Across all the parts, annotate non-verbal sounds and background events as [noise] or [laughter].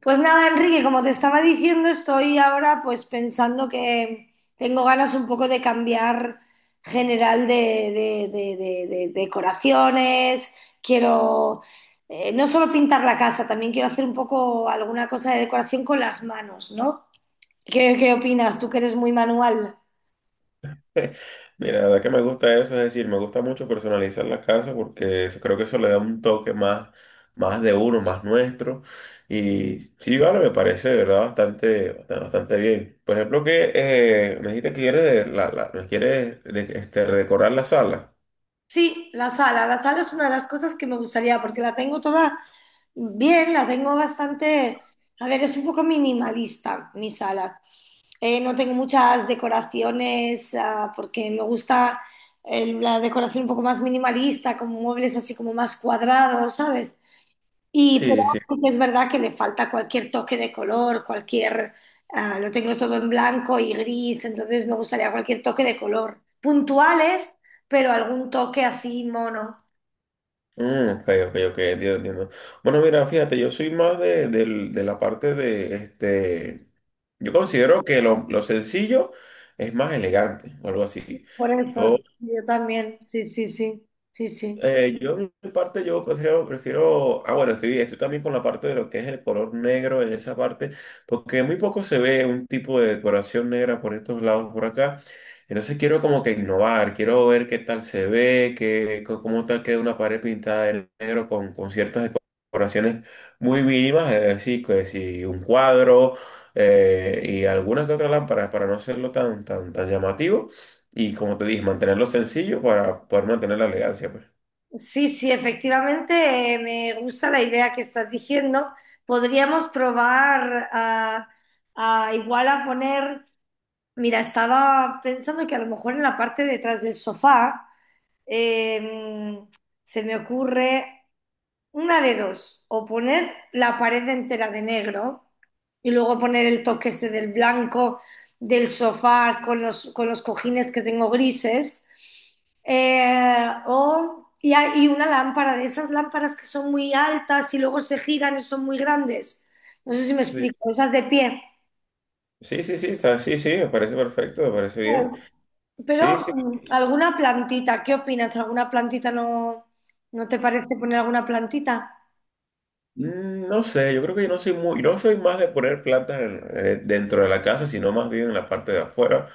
Pues nada, Enrique, como te estaba diciendo, estoy ahora pues pensando que tengo ganas un poco de cambiar general de, de decoraciones. Quiero no solo pintar la casa, también quiero hacer un poco alguna cosa de decoración con las manos, ¿no? ¿Qué opinas? Tú que eres muy manual. Mira, la verdad que me gusta eso, es decir, me gusta mucho personalizar la casa porque eso, creo que eso le da un toque más, más de uno, más nuestro. Y sí, vale, me parece de verdad bastante, bastante, bastante bien. Por ejemplo, que me dijiste que quieres, me quieres este, redecorar la sala. Sí, la sala es una de las cosas que me gustaría, porque la tengo toda bien, la tengo bastante, a ver, es un poco minimalista mi sala. No tengo muchas decoraciones porque me gusta la decoración un poco más minimalista, con muebles así como más cuadrados, ¿sabes? Y pero Sí, sí. sí que es verdad que le falta cualquier toque de color, cualquier... lo tengo todo en blanco y gris, entonces me gustaría cualquier toque de color. Puntuales, pero algún toque así mono. Ok, ok, ok, entiendo, entiendo. Bueno, mira, fíjate, yo soy más de, de la parte de este. Yo considero que lo sencillo es más elegante o algo así. Por eso, Yo yo también, sí, sí, sí, sí, sí. Yo en mi parte yo prefiero, prefiero, bueno, estoy, estoy también con la parte de lo que es el color negro en esa parte, porque muy poco se ve un tipo de decoración negra por estos lados, por acá. Entonces quiero como que innovar, quiero ver qué tal se ve, qué, cómo tal queda una pared pintada de negro con ciertas decoraciones muy mínimas, es decir, que si un cuadro y algunas que otras lámparas para no hacerlo tan, tan, tan llamativo y como te dije, mantenerlo sencillo para poder mantener la elegancia, pues. Sí, sí, efectivamente, me gusta la idea que estás diciendo. Podríamos probar a igual a poner, mira, estaba pensando que a lo mejor en la parte detrás del sofá eh, se me ocurre una de dos, o poner la pared entera de negro y luego poner el toque ese del blanco del sofá con los cojines que tengo grises, y una lámpara de esas lámparas que son muy altas y luego se giran y son muy grandes. No sé si me Sí, explico, esas de pie. sí, sí, sí, sí, sí, me parece perfecto, me parece ¿Sabes? bien. Pero Sí, sí. Alguna plantita, ¿qué opinas? ¿Alguna plantita no, no te parece poner alguna plantita? No sé, yo creo que yo no soy muy, no soy más de poner plantas dentro de la casa, sino más bien en la parte de afuera.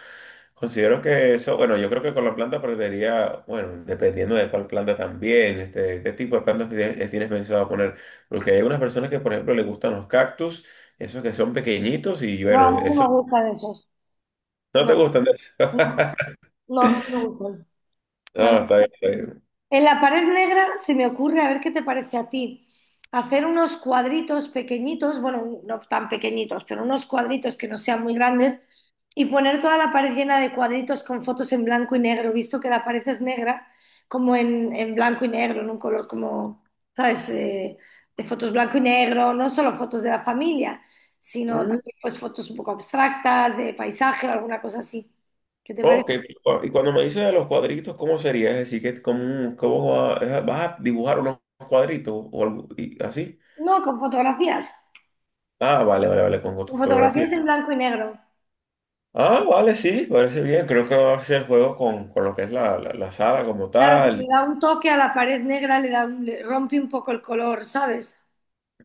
Considero que eso, bueno, yo creo que con la planta perdería, bueno, dependiendo de cuál planta también, este, qué tipo de plantas tienes tienes pensado poner. Porque hay algunas personas que, por ejemplo, les gustan los cactus, esos que son pequeñitos y No, a bueno, mí no eso, me gustan esos. no te No, gustan de eso. [laughs] no. No, no me gustan. No, No, no. está bien, está En la pared negra se me ocurre, a ver qué te parece a ti, hacer unos cuadritos pequeñitos, bueno, no tan pequeñitos, pero unos cuadritos que no sean muy grandes, y poner toda la pared llena de cuadritos con fotos en blanco y negro, visto que la pared es negra, como en blanco y negro, en un color como, ¿sabes? De fotos blanco y negro, no solo fotos de la familia, sino bien. también pues fotos un poco abstractas, de paisaje o alguna cosa así. ¿Qué te Ok, parece? Y cuando me dices de los cuadritos, ¿cómo sería? Es decir, que cómo, vas a dibujar unos cuadritos o algo y así. No, con fotografías. Ah, vale, vale, vale, con tu La fotografía fotografía. es en blanco y negro. Ah, vale, sí, parece bien. Creo que va a ser juego con lo que es la sala como Claro, si le tal. da un toque a la pared negra, le, da un- le rompe un poco el color, ¿sabes?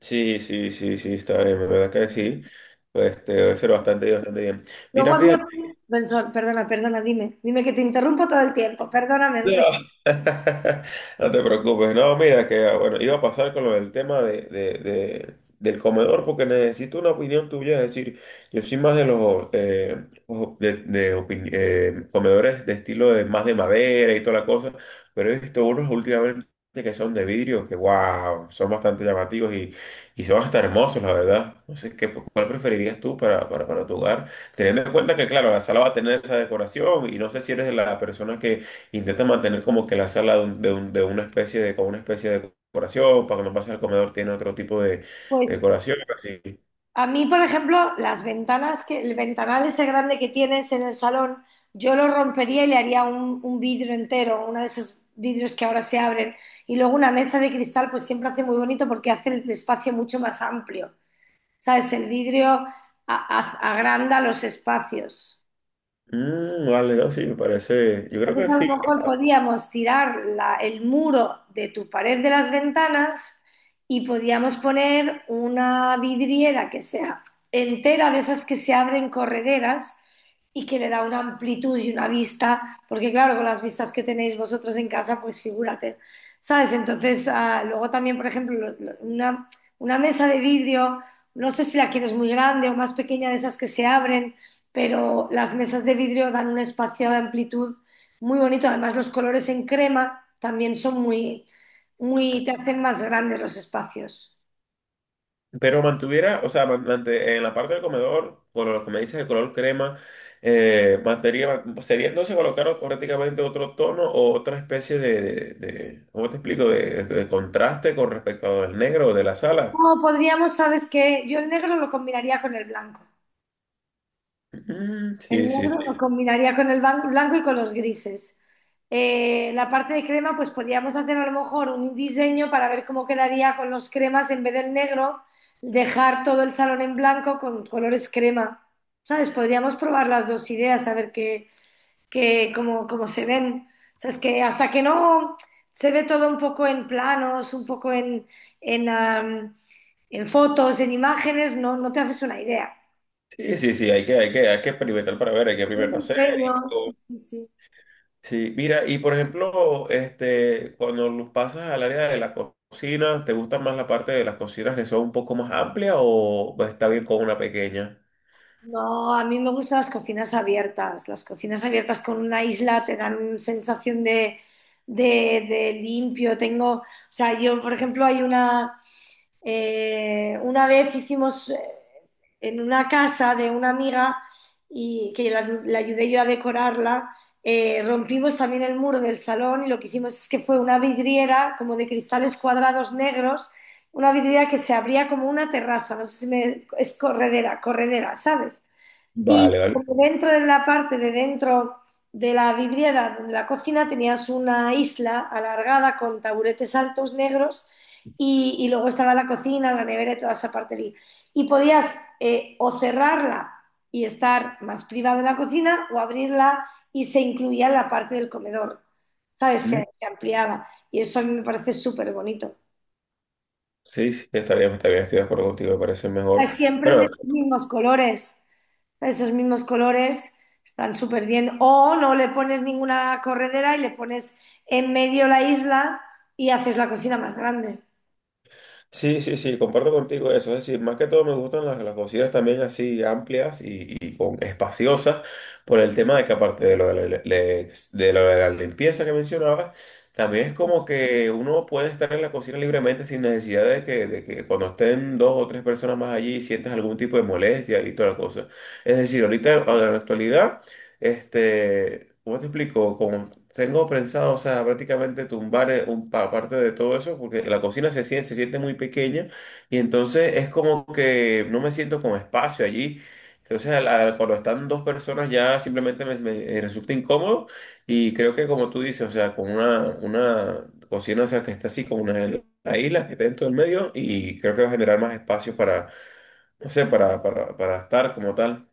Sí, sí, sí, sí, está bien, la verdad que sí. Pues, este, debe ser bastante, bastante bien. Luego Mira, había... fíjate. Benson, perdona, perdona, dime. Dime que te interrumpo todo el tiempo. Perdóname, No, Enrique. [laughs] no te preocupes, no, mira que bueno, iba a pasar con lo del tema de, del comedor porque necesito una opinión tuya, es decir, yo soy más de los de, comedores de estilo de más de madera y toda la cosa, pero he visto unos últimamente que son de vidrio, que wow, son bastante llamativos y son hasta hermosos, la verdad. No sé, ¿qué, cuál preferirías tú para tu hogar? Teniendo en cuenta que, claro, la sala va a tener esa decoración y no sé si eres de la persona que intenta mantener como que la sala de, de una especie de, con una especie de decoración, para que no pase al comedor, tiene otro tipo de Pues decoración, así. a mí, por ejemplo, las ventanas, que el ventanal ese grande que tienes en el salón, yo lo rompería y le haría un vidrio entero, uno de esos vidrios que ahora se abren. Y luego una mesa de cristal, pues siempre hace muy bonito porque hace el espacio mucho más amplio. ¿Sabes? El vidrio a- agranda los espacios. Vale, no, sí, me parece, yo creo que Entonces a lo sí. mejor podíamos tirar la- el muro de tu pared de las ventanas y podíamos poner una vidriera que sea entera, de esas que se abren correderas, y que le da una amplitud y una vista, porque claro, con las vistas que tenéis vosotros en casa, pues figúrate, ¿sabes? Entonces, luego también, por ejemplo, lo- una mesa de vidrio, no sé si la quieres muy grande o más pequeña de esas que se abren, pero las mesas de vidrio dan un espacio de amplitud muy bonito. Además, los colores en crema también son muy, muy, te hacen más grandes los espacios. Pero mantuviera, o sea, en la parte del comedor, con lo que me dices de color crema, sería entonces colocar prácticamente otro tono o otra especie de, ¿cómo te explico? De contraste con respecto al negro de la sala. No, podríamos, ¿sabes qué? Yo el negro lo combinaría con el blanco. El Sí, sí, negro sí. lo combinaría con el ban- blanco y con los grises. La parte de crema, pues podríamos hacer a lo mejor un diseño para ver cómo quedaría con los cremas en vez del negro, dejar todo el salón en blanco con colores crema. ¿Sabes? Podríamos probar las dos ideas, a ver qué, que como, como se ven. O sea, es que hasta que no se ve todo un poco en planos, un poco en, en fotos, en imágenes, no, no te haces una idea. Sí, sí, sí, hay que, hay que, hay que experimentar para ver, hay que Un primero hacer. Y diseño, sí, sí, sí. sí, mira, y por ejemplo, este, cuando lo pasas al área de la cocina, ¿te gusta más la parte de las cocinas que son un poco más amplias o está bien con una pequeña? No, a mí me gustan las cocinas abiertas. Las cocinas abiertas con una isla te dan una sensación de limpio. Tengo, o sea, yo, por ejemplo, hay una vez hicimos en una casa de una amiga y que la ayudé yo a decorarla, rompimos también el muro del salón, y lo que hicimos es que fue una vidriera como de cristales cuadrados negros, una vidriera que se abría como una terraza, no sé si me... es corredera, corredera, ¿sabes? Y Vale, vale. porque dentro de la parte de dentro de la vidriera de la cocina tenías una isla alargada con taburetes altos negros, y luego estaba la cocina, la nevera y toda esa parte allí. Y podías o cerrarla y estar más privada de la cocina, o abrirla y se incluía la parte del comedor, ¿sabes? Mm, Se ampliaba y eso a mí me parece súper bonito. Sí, sí, está bien, estoy de acuerdo contigo, me parece mejor. Siempre en Bueno, los mismos colores. Esos mismos colores están súper bien. O no le pones ninguna corredera y le pones en medio la isla y haces la cocina más grande. sí, sí, sí, comparto contigo eso. Es decir, más que todo me gustan las cocinas también así amplias y con, espaciosas por el tema de que aparte de lo de de lo de la limpieza que mencionabas, también es como que uno puede estar en la cocina libremente sin necesidad de que cuando estén dos o tres personas más allí sientas algún tipo de molestia y toda la cosa. Es decir, ahorita en la actualidad... Este, ¿cómo te explico? Como tengo pensado, o sea, prácticamente tumbar parte de todo eso, porque la cocina se siente muy pequeña y entonces es como que no me siento con espacio allí. Entonces, cuando están dos personas ya simplemente me, me, resulta incómodo y creo que como tú dices, o sea, con una cocina, o sea, que está así como una la isla que está dentro del medio y creo que va a generar más espacio para, no sé, para estar como tal.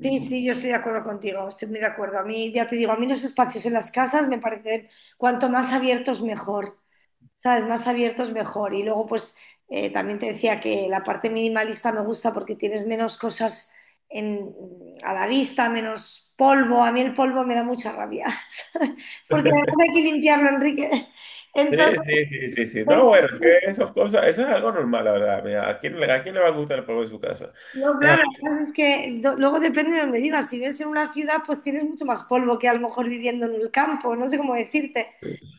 Sí, sí, yo estoy de acuerdo contigo, estoy muy de acuerdo. A mí, ya te digo, a mí los espacios en las casas me parecen cuanto más abiertos mejor. ¿Sabes? Más abiertos mejor. Y luego, pues, también te decía que la parte minimalista me gusta porque tienes menos cosas en- a la vista, menos polvo. A mí el polvo me da mucha rabia, [laughs] ¿sabes? Porque además hay que limpiarlo, Enrique. Sí, Entonces, sí, sí, sí, sí. No, entonces, bueno, es que esas cosas, eso es algo normal, la verdad. Mira, ¿a quién, a quién le va a gustar el polvo en su casa? no, Es claro, algo- la es que do- luego depende de dónde vivas. Si vives en una ciudad, pues tienes mucho más polvo que a lo mejor viviendo en el campo, no sé cómo decirte.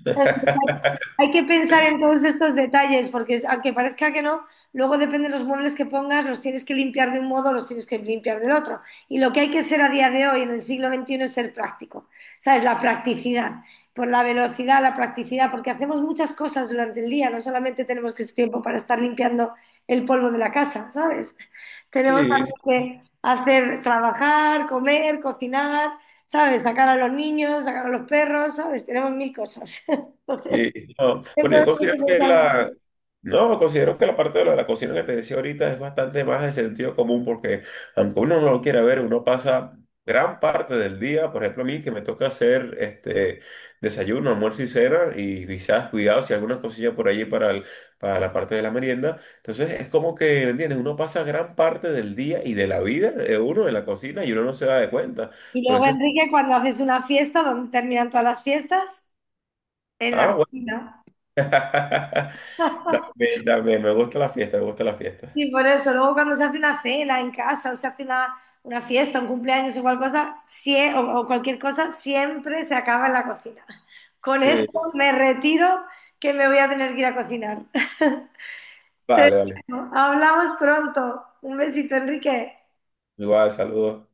[laughs] Hay que pensar en todos estos detalles, porque es- aunque parezca que no, luego depende de los muebles que pongas, los tienes que limpiar de un modo, los tienes que limpiar del otro. Y lo que hay que ser a día de hoy, en el siglo XXI, es ser práctico. ¿Sabes? La practicidad, por la velocidad, la practicidad, porque hacemos muchas cosas durante el día, no solamente tenemos que tiempo para estar limpiando el polvo de la casa, ¿sabes? Tenemos Sí, también que hacer, trabajar, comer, cocinar, ¿sabes? Sacar a los niños, sacar a los perros, ¿sabes? Tenemos mil cosas. [laughs] Entonces, sí, no. [laughs] Bueno, entonces, yo considero que la, no, considero que la parte de lo de la cocina que te decía ahorita es bastante más de sentido común porque aunque uno no lo quiera ver, uno pasa gran parte del día, por ejemplo a mí que me toca hacer este desayuno, almuerzo y cena y quizás cuidado si alguna cosilla por allí para, para la parte de la merienda. Entonces es como que, ¿entiendes? Uno pasa gran parte del día y de la vida de uno en la cocina y uno no se da de cuenta. y Por luego, eso Enrique, cuando haces una fiesta, ¿dónde terminan todas las fiestas? En la ah, bueno. cocina. [laughs] También, también, me gusta la fiesta, me gusta la fiesta. Y por eso, luego cuando se hace una cena en casa, o se hace una fiesta, un cumpleaños, igual cosa, sie- o cualquier cosa, siempre se acaba en la cocina. Con esto Sí, me retiro, que me voy a tener que ir a cocinar. [laughs] Te vale, vale. dejo. Hablamos pronto. Un besito, Enrique. Igual, saludos.